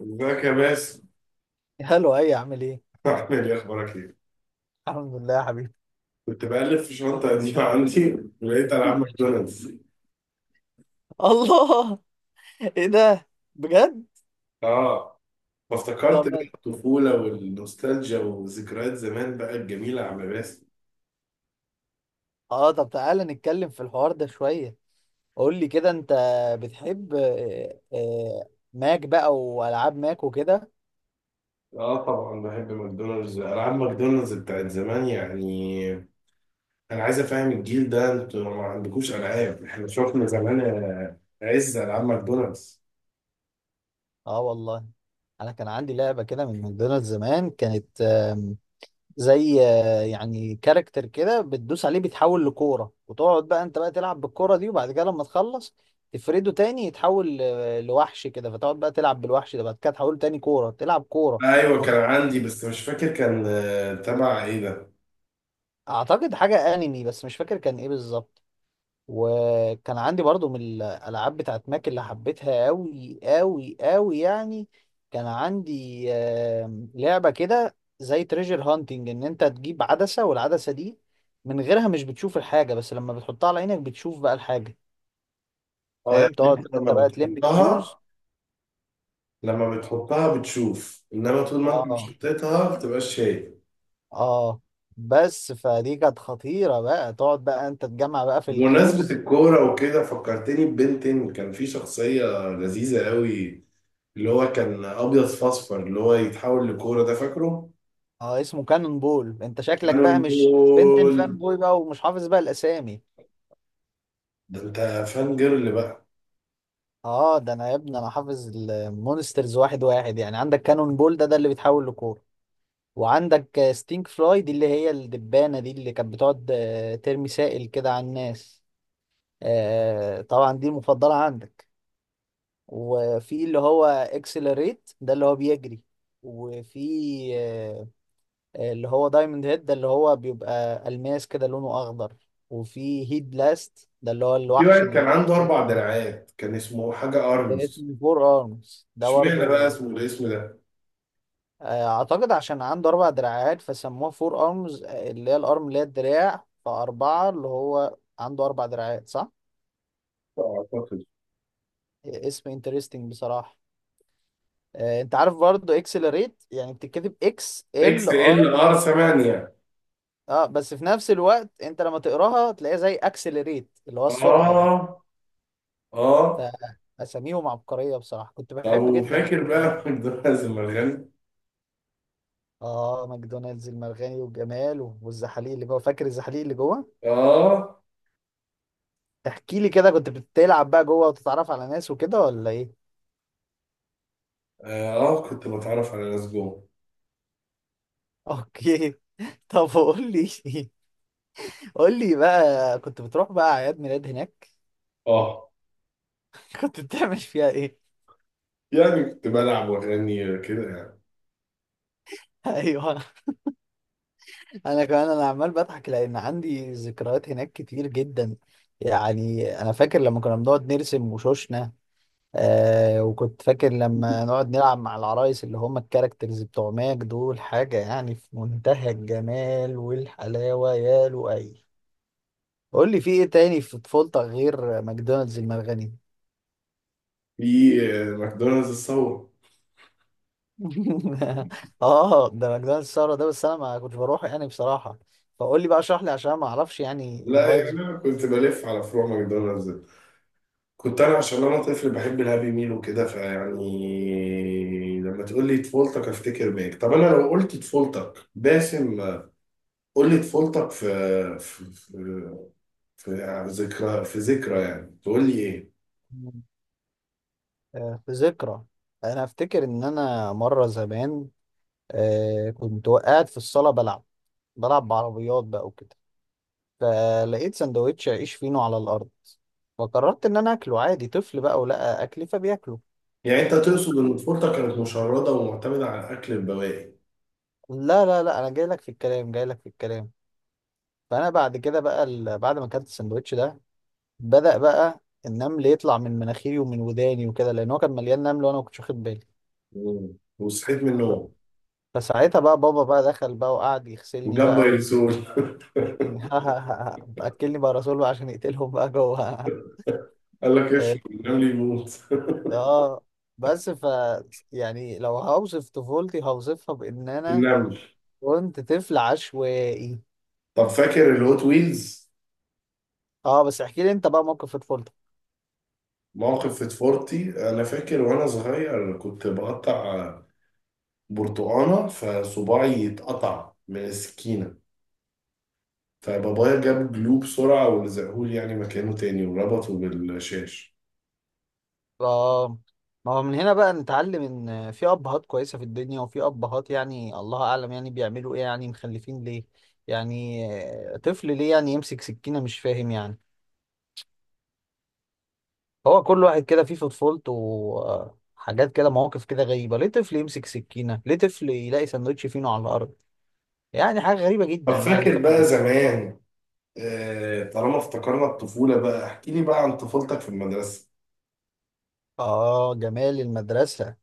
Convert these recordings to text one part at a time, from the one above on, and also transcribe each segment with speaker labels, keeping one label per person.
Speaker 1: ازيك يا باسم؟
Speaker 2: هلو، اي عامل ايه؟
Speaker 1: عامل ايه، اخبارك ايه؟
Speaker 2: الحمد لله يا حبيبي.
Speaker 1: كنت بألف في شنطة قديمة عندي، لقيت ألعاب ماكدونالدز.
Speaker 2: الله! ايه ده؟ بجد؟
Speaker 1: اه،
Speaker 2: طب
Speaker 1: فافتكرت بقى
Speaker 2: ما-
Speaker 1: الطفولة والنوستالجيا وذكريات زمان بقى الجميلة يا عم باسم.
Speaker 2: اه طب تعالى نتكلم في الحوار ده شوية. قول لي كده انت بتحب، ماك بقى والعاب ماك وكده.
Speaker 1: اه، طبعا بحب ماكدونالدز، ألعاب ماكدونالدز بتاعت زمان يعني. أنا عايز أفهم الجيل ده، انتوا ما عندكوش ألعاب، احنا شفنا زمان عز ألعاب ماكدونالدز.
Speaker 2: اه والله، انا كان عندي لعبة كده من ماكدونالدز زمان، كانت زي يعني كاركتر كده بتدوس عليه بيتحول لكورة، وتقعد بقى انت بقى تلعب بالكورة دي، وبعد كده لما تخلص تفرده تاني يتحول لوحش كده، فتقعد بقى تلعب بالوحش ده، بعد كده تحوله تاني كورة، تلعب كورة.
Speaker 1: ايوه،
Speaker 2: ممكن.
Speaker 1: كان عندي بس مش فاكر كان تبع ايه ده؟
Speaker 2: اعتقد حاجة انمي، بس مش فاكر كان ايه بالظبط. وكان عندي برضو من الالعاب بتاعت ماك اللي حبيتها قوي قوي قوي يعني. كان عندي لعبة كده زي تريجر هانتنج، ان انت تجيب عدسة، والعدسة دي من غيرها مش بتشوف الحاجة، بس لما بتحطها على عينك بتشوف بقى الحاجة.
Speaker 1: اه،
Speaker 2: فاهم،
Speaker 1: يعني
Speaker 2: تقعد بقى
Speaker 1: انت لما
Speaker 2: انت بقى تلم
Speaker 1: بتحطها،
Speaker 2: الكلوز.
Speaker 1: بتشوف، انما طول ما انت مش
Speaker 2: اه،
Speaker 1: حطيتها ما بتبقاش شايف.
Speaker 2: اه. بس فدي كانت خطيرة، بقى تقعد بقى انت تجمع بقى في
Speaker 1: بمناسبة
Speaker 2: الكلوز.
Speaker 1: الكورة وكده فكرتني ببنتين. كان في شخصية لذيذة قوي، اللي هو كان أبيض في أصفر، اللي هو يتحول لكورة، ده فاكره؟
Speaker 2: اه، اسمه كانون بول. انت شكلك بقى
Speaker 1: كانون
Speaker 2: مش بنتن
Speaker 1: بول.
Speaker 2: فان بوي بقى، ومش حافظ بقى الاسامي.
Speaker 1: ده أنت فان جيرل بقى.
Speaker 2: اه ده انا يا ابني، انا حافظ المونسترز واحد واحد، يعني عندك كانون بول ده اللي بيتحول لكورة. وعندك ستينك فلاي دي، اللي هي الدبانة دي، اللي كانت بتقعد ترمي سائل كده على الناس. طبعا دي المفضلة عندك. وفي اللي هو اكسلريت ده اللي هو بيجري. وفي آه، اللي هو دايموند هيد ده اللي هو بيبقى ألماس كده لونه أخضر. وفي هيد بلاست ده اللي هو
Speaker 1: في
Speaker 2: الوحش،
Speaker 1: واحد كان
Speaker 2: اللي
Speaker 1: عنده أربع دراعات، كان اسمه حاجة أرمز.
Speaker 2: اسمه فور ارمز ده برضه.
Speaker 1: اشمعنى بقى اسمه الاسم ده؟
Speaker 2: اعتقد عشان عنده اربع دراعات، فسموه فور ارمز، اللي هي الارم اللي هي الدراع فاربعه، اللي هو عنده اربع دراعات، صح.
Speaker 1: أعتقد
Speaker 2: اسم انترستنج بصراحه. انت عارف برضه، اكسلريت يعني بتتكتب اكس ال
Speaker 1: إكس
Speaker 2: ار.
Speaker 1: إل آر 8.
Speaker 2: اه، بس في نفس الوقت انت لما تقراها تلاقيها زي اكسلريت، اللي هو السرعه يعني.
Speaker 1: آه، آه.
Speaker 2: فاساميهم عبقريه بصراحه، كنت
Speaker 1: طب
Speaker 2: بحب جدا.
Speaker 1: وفاكر بقى مقدونالدز المرغني؟
Speaker 2: اه، ماكدونالدز المرغني والجمال والزحاليق اللي جوه، فاكر الزحاليق اللي جوه؟
Speaker 1: آه.
Speaker 2: احكي لي كده، كنت بتلعب بقى جوه وتتعرف على ناس وكده، ولا ايه؟
Speaker 1: آه، آه، كنت بتعرف على ناس جوه.
Speaker 2: اوكي. طب قول لي. قول لي بقى، كنت بتروح بقى اعياد ميلاد هناك؟
Speaker 1: آه
Speaker 2: كنت بتعمل فيها ايه؟
Speaker 1: يعني كنت بلعب وأغني كده يعني.
Speaker 2: ايوه. انا كمان انا عمال بضحك لان عندي ذكريات هناك كتير جدا. يعني انا فاكر لما كنا بنقعد نرسم وشوشنا. وكنت فاكر لما نقعد نلعب مع العرايس اللي هم الكاركترز بتوع ماك دول، حاجة يعني في منتهى الجمال والحلاوة يا لؤي. قول لي في ايه تاني في طفولتك غير ماكدونالدز المرغني؟
Speaker 1: في ماكدونالدز الثورة.
Speaker 2: اه، ده ماكدونالدز الثوره ده، بس انا ما كنتش بروح يعني بصراحه. فقول لي بقى، اشرح لي عشان ما اعرفش يعني
Speaker 1: لا، يعني
Speaker 2: الفايبز.
Speaker 1: أنا كنت بلف على فروع ماكدونالدز. كنت أنا، عشان أنا طفل بحب الهابي ميل وكده، فيعني لما تقول لي طفولتك أفتكر بيك. طب أنا لو قلت طفولتك باسم، قول لي طفولتك في ذكرى، في ذكرى، يعني تقول لي إيه؟
Speaker 2: في ذكرى. انا افتكر ان انا مره زمان، كنت وقعت في الصاله بلعب بعربيات بقى وكده. فلقيت سندوتش عيش فينو على الارض. فقررت ان انا اكله، عادي، طفل بقى ولقى اكلي فبياكله.
Speaker 1: يعني أنت تقصد إن طفولتك كانت مشردة ومعتمدة على أكل البواقي؟
Speaker 2: لا لا لا، انا جاي لك في الكلام، جاي لك في الكلام. فانا بعد كده بقى، بعد ما اكلت السندوتش ده، بدأ بقى النمل يطلع من مناخيري ومن وداني وكده، لان هو كان مليان نمل وانا ما كنتش واخد بالي.
Speaker 1: مم. وصحيت من
Speaker 2: ف-
Speaker 1: النوم.
Speaker 2: فساعتها بقى بابا بقى دخل بقى وقعد يغسلني
Speaker 1: وجاب
Speaker 2: بقى.
Speaker 1: دايلسون
Speaker 2: ويقتلني. ها ها ها. ها. اكلني بقى رسول بقى عشان يقتلهم بقى جوه.
Speaker 1: قال لك
Speaker 2: اه.
Speaker 1: اشرب النمل يموت
Speaker 2: آه. بس، يعني لو هوصف طفولتي هوصفها بان انا
Speaker 1: النمل.
Speaker 2: كنت طفل عشوائي.
Speaker 1: طب فاكر الهوت ويلز؟
Speaker 2: اه، بس احكي لي انت بقى موقف في طفولتك.
Speaker 1: موقف في فورتي، انا فاكر وانا صغير كنت بقطع برتقانه فصباعي اتقطع من السكينه، فبابايا جاب جلو بسرعه ولزقهولي يعني مكانه تاني وربطه بالشاش.
Speaker 2: اه، ما هو من هنا بقى نتعلم ان في ابهات كويسه في الدنيا، وفي ابهات يعني الله اعلم يعني بيعملوا ايه، يعني مخلفين ليه. يعني، طفل ليه يعني يمسك سكينه، مش فاهم يعني. هو كل واحد كده فيه في طفولته حاجات كده، مواقف كده غريبه، ليه طفل يمسك سكينه، ليه طفل يلاقي سندوتش فينو على الارض. يعني حاجه غريبه
Speaker 1: طب
Speaker 2: جدا يعني
Speaker 1: فاكر بقى
Speaker 2: فعلا.
Speaker 1: زمان، طالما افتكرنا الطفوله بقى، احكي لي بقى عن طفولتك في المدرسه.
Speaker 2: اه، جمال المدرسه.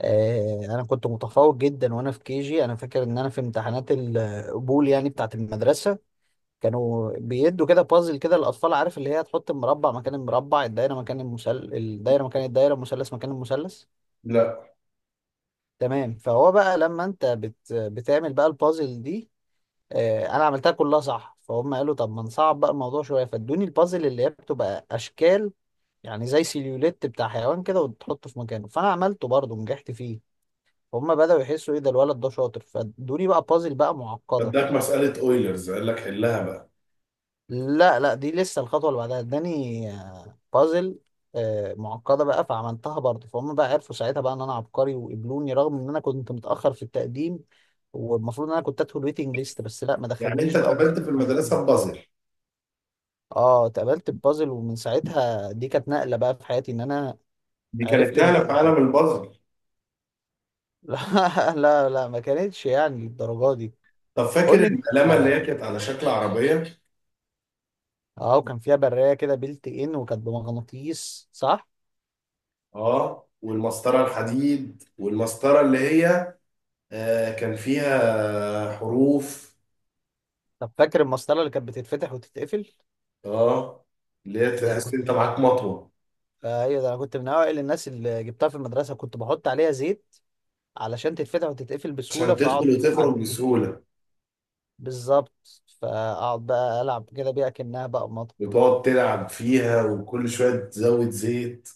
Speaker 2: انا كنت متفوق جدا وانا في كيجي، انا فاكر ان انا في امتحانات القبول يعني بتاعت المدرسه، كانوا بيدوا كده بازل كده للاطفال، عارف اللي هي تحط المربع مكان المربع، الدايره مكان المثلث، الدايره مكان الدايره، المثلث مكان المثلث.
Speaker 1: لا.
Speaker 2: تمام، فهو بقى لما انت بتعمل بقى البازل دي، انا عملتها كلها صح، فهم قالوا طب ما نصعب بقى الموضوع شويه، فادوني البازل اللي هي بتبقى اشكال، يعني زي سيليوليت بتاع حيوان كده، وتحطه في مكانه، فانا عملته برضه ونجحت فيه. فهم بدأوا يحسوا ايه ده الولد ده شاطر، فادوني بقى بازل بقى معقده.
Speaker 1: بدك مساله اويلرز قال لك حلها بقى.
Speaker 2: لا لا، دي لسه الخطوة اللي بعدها، اداني بازل، معقدة بقى، فعملتها برضه، فهم بقى عرفوا ساعتها بقى ان انا عبقري وقبلوني، رغم ان انا كنت متأخر في التقديم. والمفروض ان انا كنت ادخل ويتنج ليست، بس لا، ما
Speaker 1: يعني
Speaker 2: دخلونيش
Speaker 1: انت
Speaker 2: بقى
Speaker 1: اتقابلت
Speaker 2: ودخلت
Speaker 1: في
Speaker 2: على طول.
Speaker 1: المدرسه ببازل.
Speaker 2: اه، اتقبلت ببازل، ومن ساعتها دي كانت نقلة بقى في حياتي ان انا
Speaker 1: دي كانت
Speaker 2: عرفت ان.
Speaker 1: نقله في عالم البازل.
Speaker 2: لا لا لا، ما كانتش يعني الدرجة دي.
Speaker 1: طب
Speaker 2: قول
Speaker 1: فاكر
Speaker 2: لي انت،
Speaker 1: القلمه اللي هي
Speaker 2: اه.
Speaker 1: كانت على شكل عربيه؟
Speaker 2: وكان فيها برية كده بيلت ان، وكانت بمغناطيس، صح؟
Speaker 1: اه، والمسطره الحديد، والمسطره اللي هي كان فيها حروف.
Speaker 2: طب فاكر المسطرة اللي كانت بتتفتح وتتقفل؟
Speaker 1: اه، اللي هي
Speaker 2: ده انا
Speaker 1: تحس
Speaker 2: كنت.
Speaker 1: انت معاك مطوه،
Speaker 2: ايوه، ده انا كنت من اوائل الناس اللي جبتها في المدرسه، كنت بحط عليها زيت علشان تتفتح وتتقفل بسهوله،
Speaker 1: عشان تدخل
Speaker 2: فاقعد العب
Speaker 1: وتخرج
Speaker 2: بيه.
Speaker 1: بسهوله.
Speaker 2: بالظبط، فاقعد بقى العب كده بيها كانها بقى مطر.
Speaker 1: وتقعد تلعب فيها وكل شويه تزود زيت.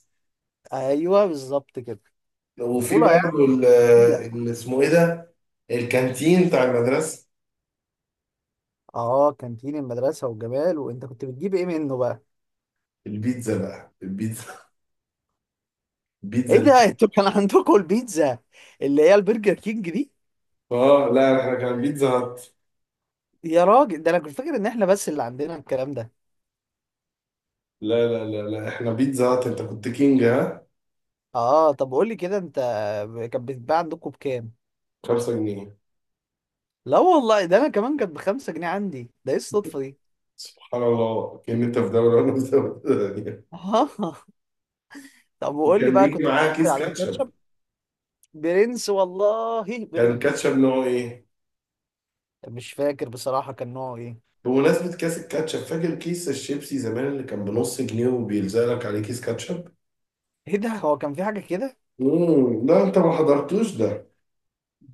Speaker 2: ايوه بالظبط كده.
Speaker 1: وفي
Speaker 2: طفوله يعني
Speaker 1: برضه
Speaker 2: جميله.
Speaker 1: اللي اسمه ايه ده، الكانتين بتاع المدرسه.
Speaker 2: اه، كانتين المدرسه والجمال، وانت كنت بتجيب ايه منه بقى؟
Speaker 1: البيتزا بقى، البيتزا،
Speaker 2: ايه
Speaker 1: البيتزا.
Speaker 2: ده، انتوا كان عندكم البيتزا، اللي هي البرجر كينج دي؟
Speaker 1: اه، لا، احنا كان بيتزا هات.
Speaker 2: يا راجل، ده انا كنت فاكر ان احنا بس اللي عندنا الكلام ده.
Speaker 1: لا، لا، لا، لا، احنا بيتزا هات، انت كنت كينج. ها،
Speaker 2: اه طب قول لي كده انت، كانت بتتباع عندكم بكام؟
Speaker 1: 5 جنيه.
Speaker 2: لا والله، ده انا كمان كانت بخمسة جنيه عندي، ده ايه الصدفة دي.
Speaker 1: سبحان الله، كأن انت في دوري وانا في دوري تانية.
Speaker 2: اه. طب وقول لي
Speaker 1: وكان
Speaker 2: بقى،
Speaker 1: بيجي
Speaker 2: كنت
Speaker 1: معاه
Speaker 2: بتحط
Speaker 1: كيس
Speaker 2: عليها
Speaker 1: كاتشب.
Speaker 2: كاتشب؟ برنس والله
Speaker 1: كان
Speaker 2: برنس.
Speaker 1: كاتشب نوع ايه؟
Speaker 2: مش فاكر بصراحة كان نوعه ايه.
Speaker 1: بمناسبة كيس الكاتشب، فاكر كيس الشيبسي زمان اللي كان بنص جنيه وبيلزق لك عليه كيس كاتشب؟
Speaker 2: ايه ده، هو كان في حاجة كده؟
Speaker 1: لا، انت ما حضرتوش ده.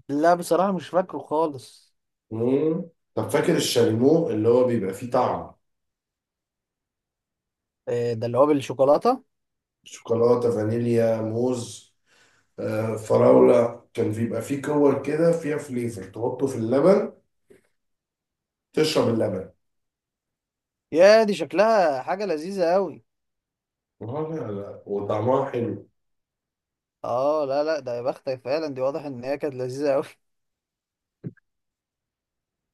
Speaker 2: لا بصراحة مش فاكره خالص.
Speaker 1: امم. طب فاكر الشاليمو اللي هو بيبقى فيه طعم؟
Speaker 2: إيه ده اللي هو بالشوكولاتة؟
Speaker 1: شوكولاتة، فانيليا، موز، فراولة. كان بيبقى فيه كور كده فيها فليفر تحطه في اللبن، تشرب اللبن.
Speaker 2: يا دي، شكلها حاجة لذيذة قوي.
Speaker 1: لا، لا، وطعمها حلو.
Speaker 2: اه لا لا، ده يا بختك فعلا، دي واضح ان هي كانت لذيذة قوي.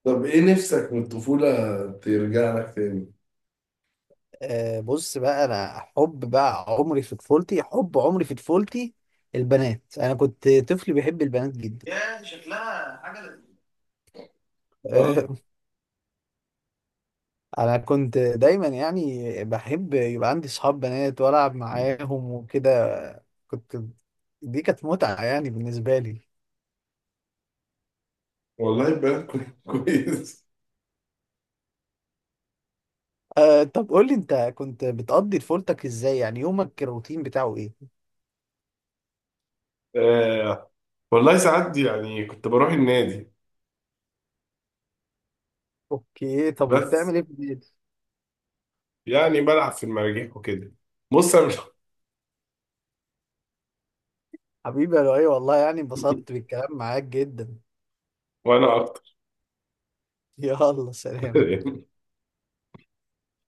Speaker 1: طب ايه نفسك من الطفولة ترجع لك تاني؟
Speaker 2: بص بقى، انا حب بقى عمري في طفولتي، حب عمري في طفولتي البنات، انا كنت طفل بيحب البنات جدا.
Speaker 1: آه،
Speaker 2: آه، انا كنت دايما يعني بحب يبقى عندي صحاب بنات والعب معاهم وكده، كنت دي كانت متعة يعني بالنسبة لي.
Speaker 1: والله كويس.
Speaker 2: أه، طب قول لي انت، كنت بتقضي طفولتك ازاي؟ يعني يومك الروتين بتاعه ايه؟
Speaker 1: آه، والله ساعات يعني كنت بروح النادي.
Speaker 2: اوكي، طب
Speaker 1: بس،
Speaker 2: وبتعمل ايه بالليل؟
Speaker 1: يعني بلعب في المراجيح وكده. بص، أنا مش-
Speaker 2: حبيبي يا لؤي، والله يعني انبسطت بالكلام معاك جدا.
Speaker 1: وانا اكتر
Speaker 2: يلا سلام.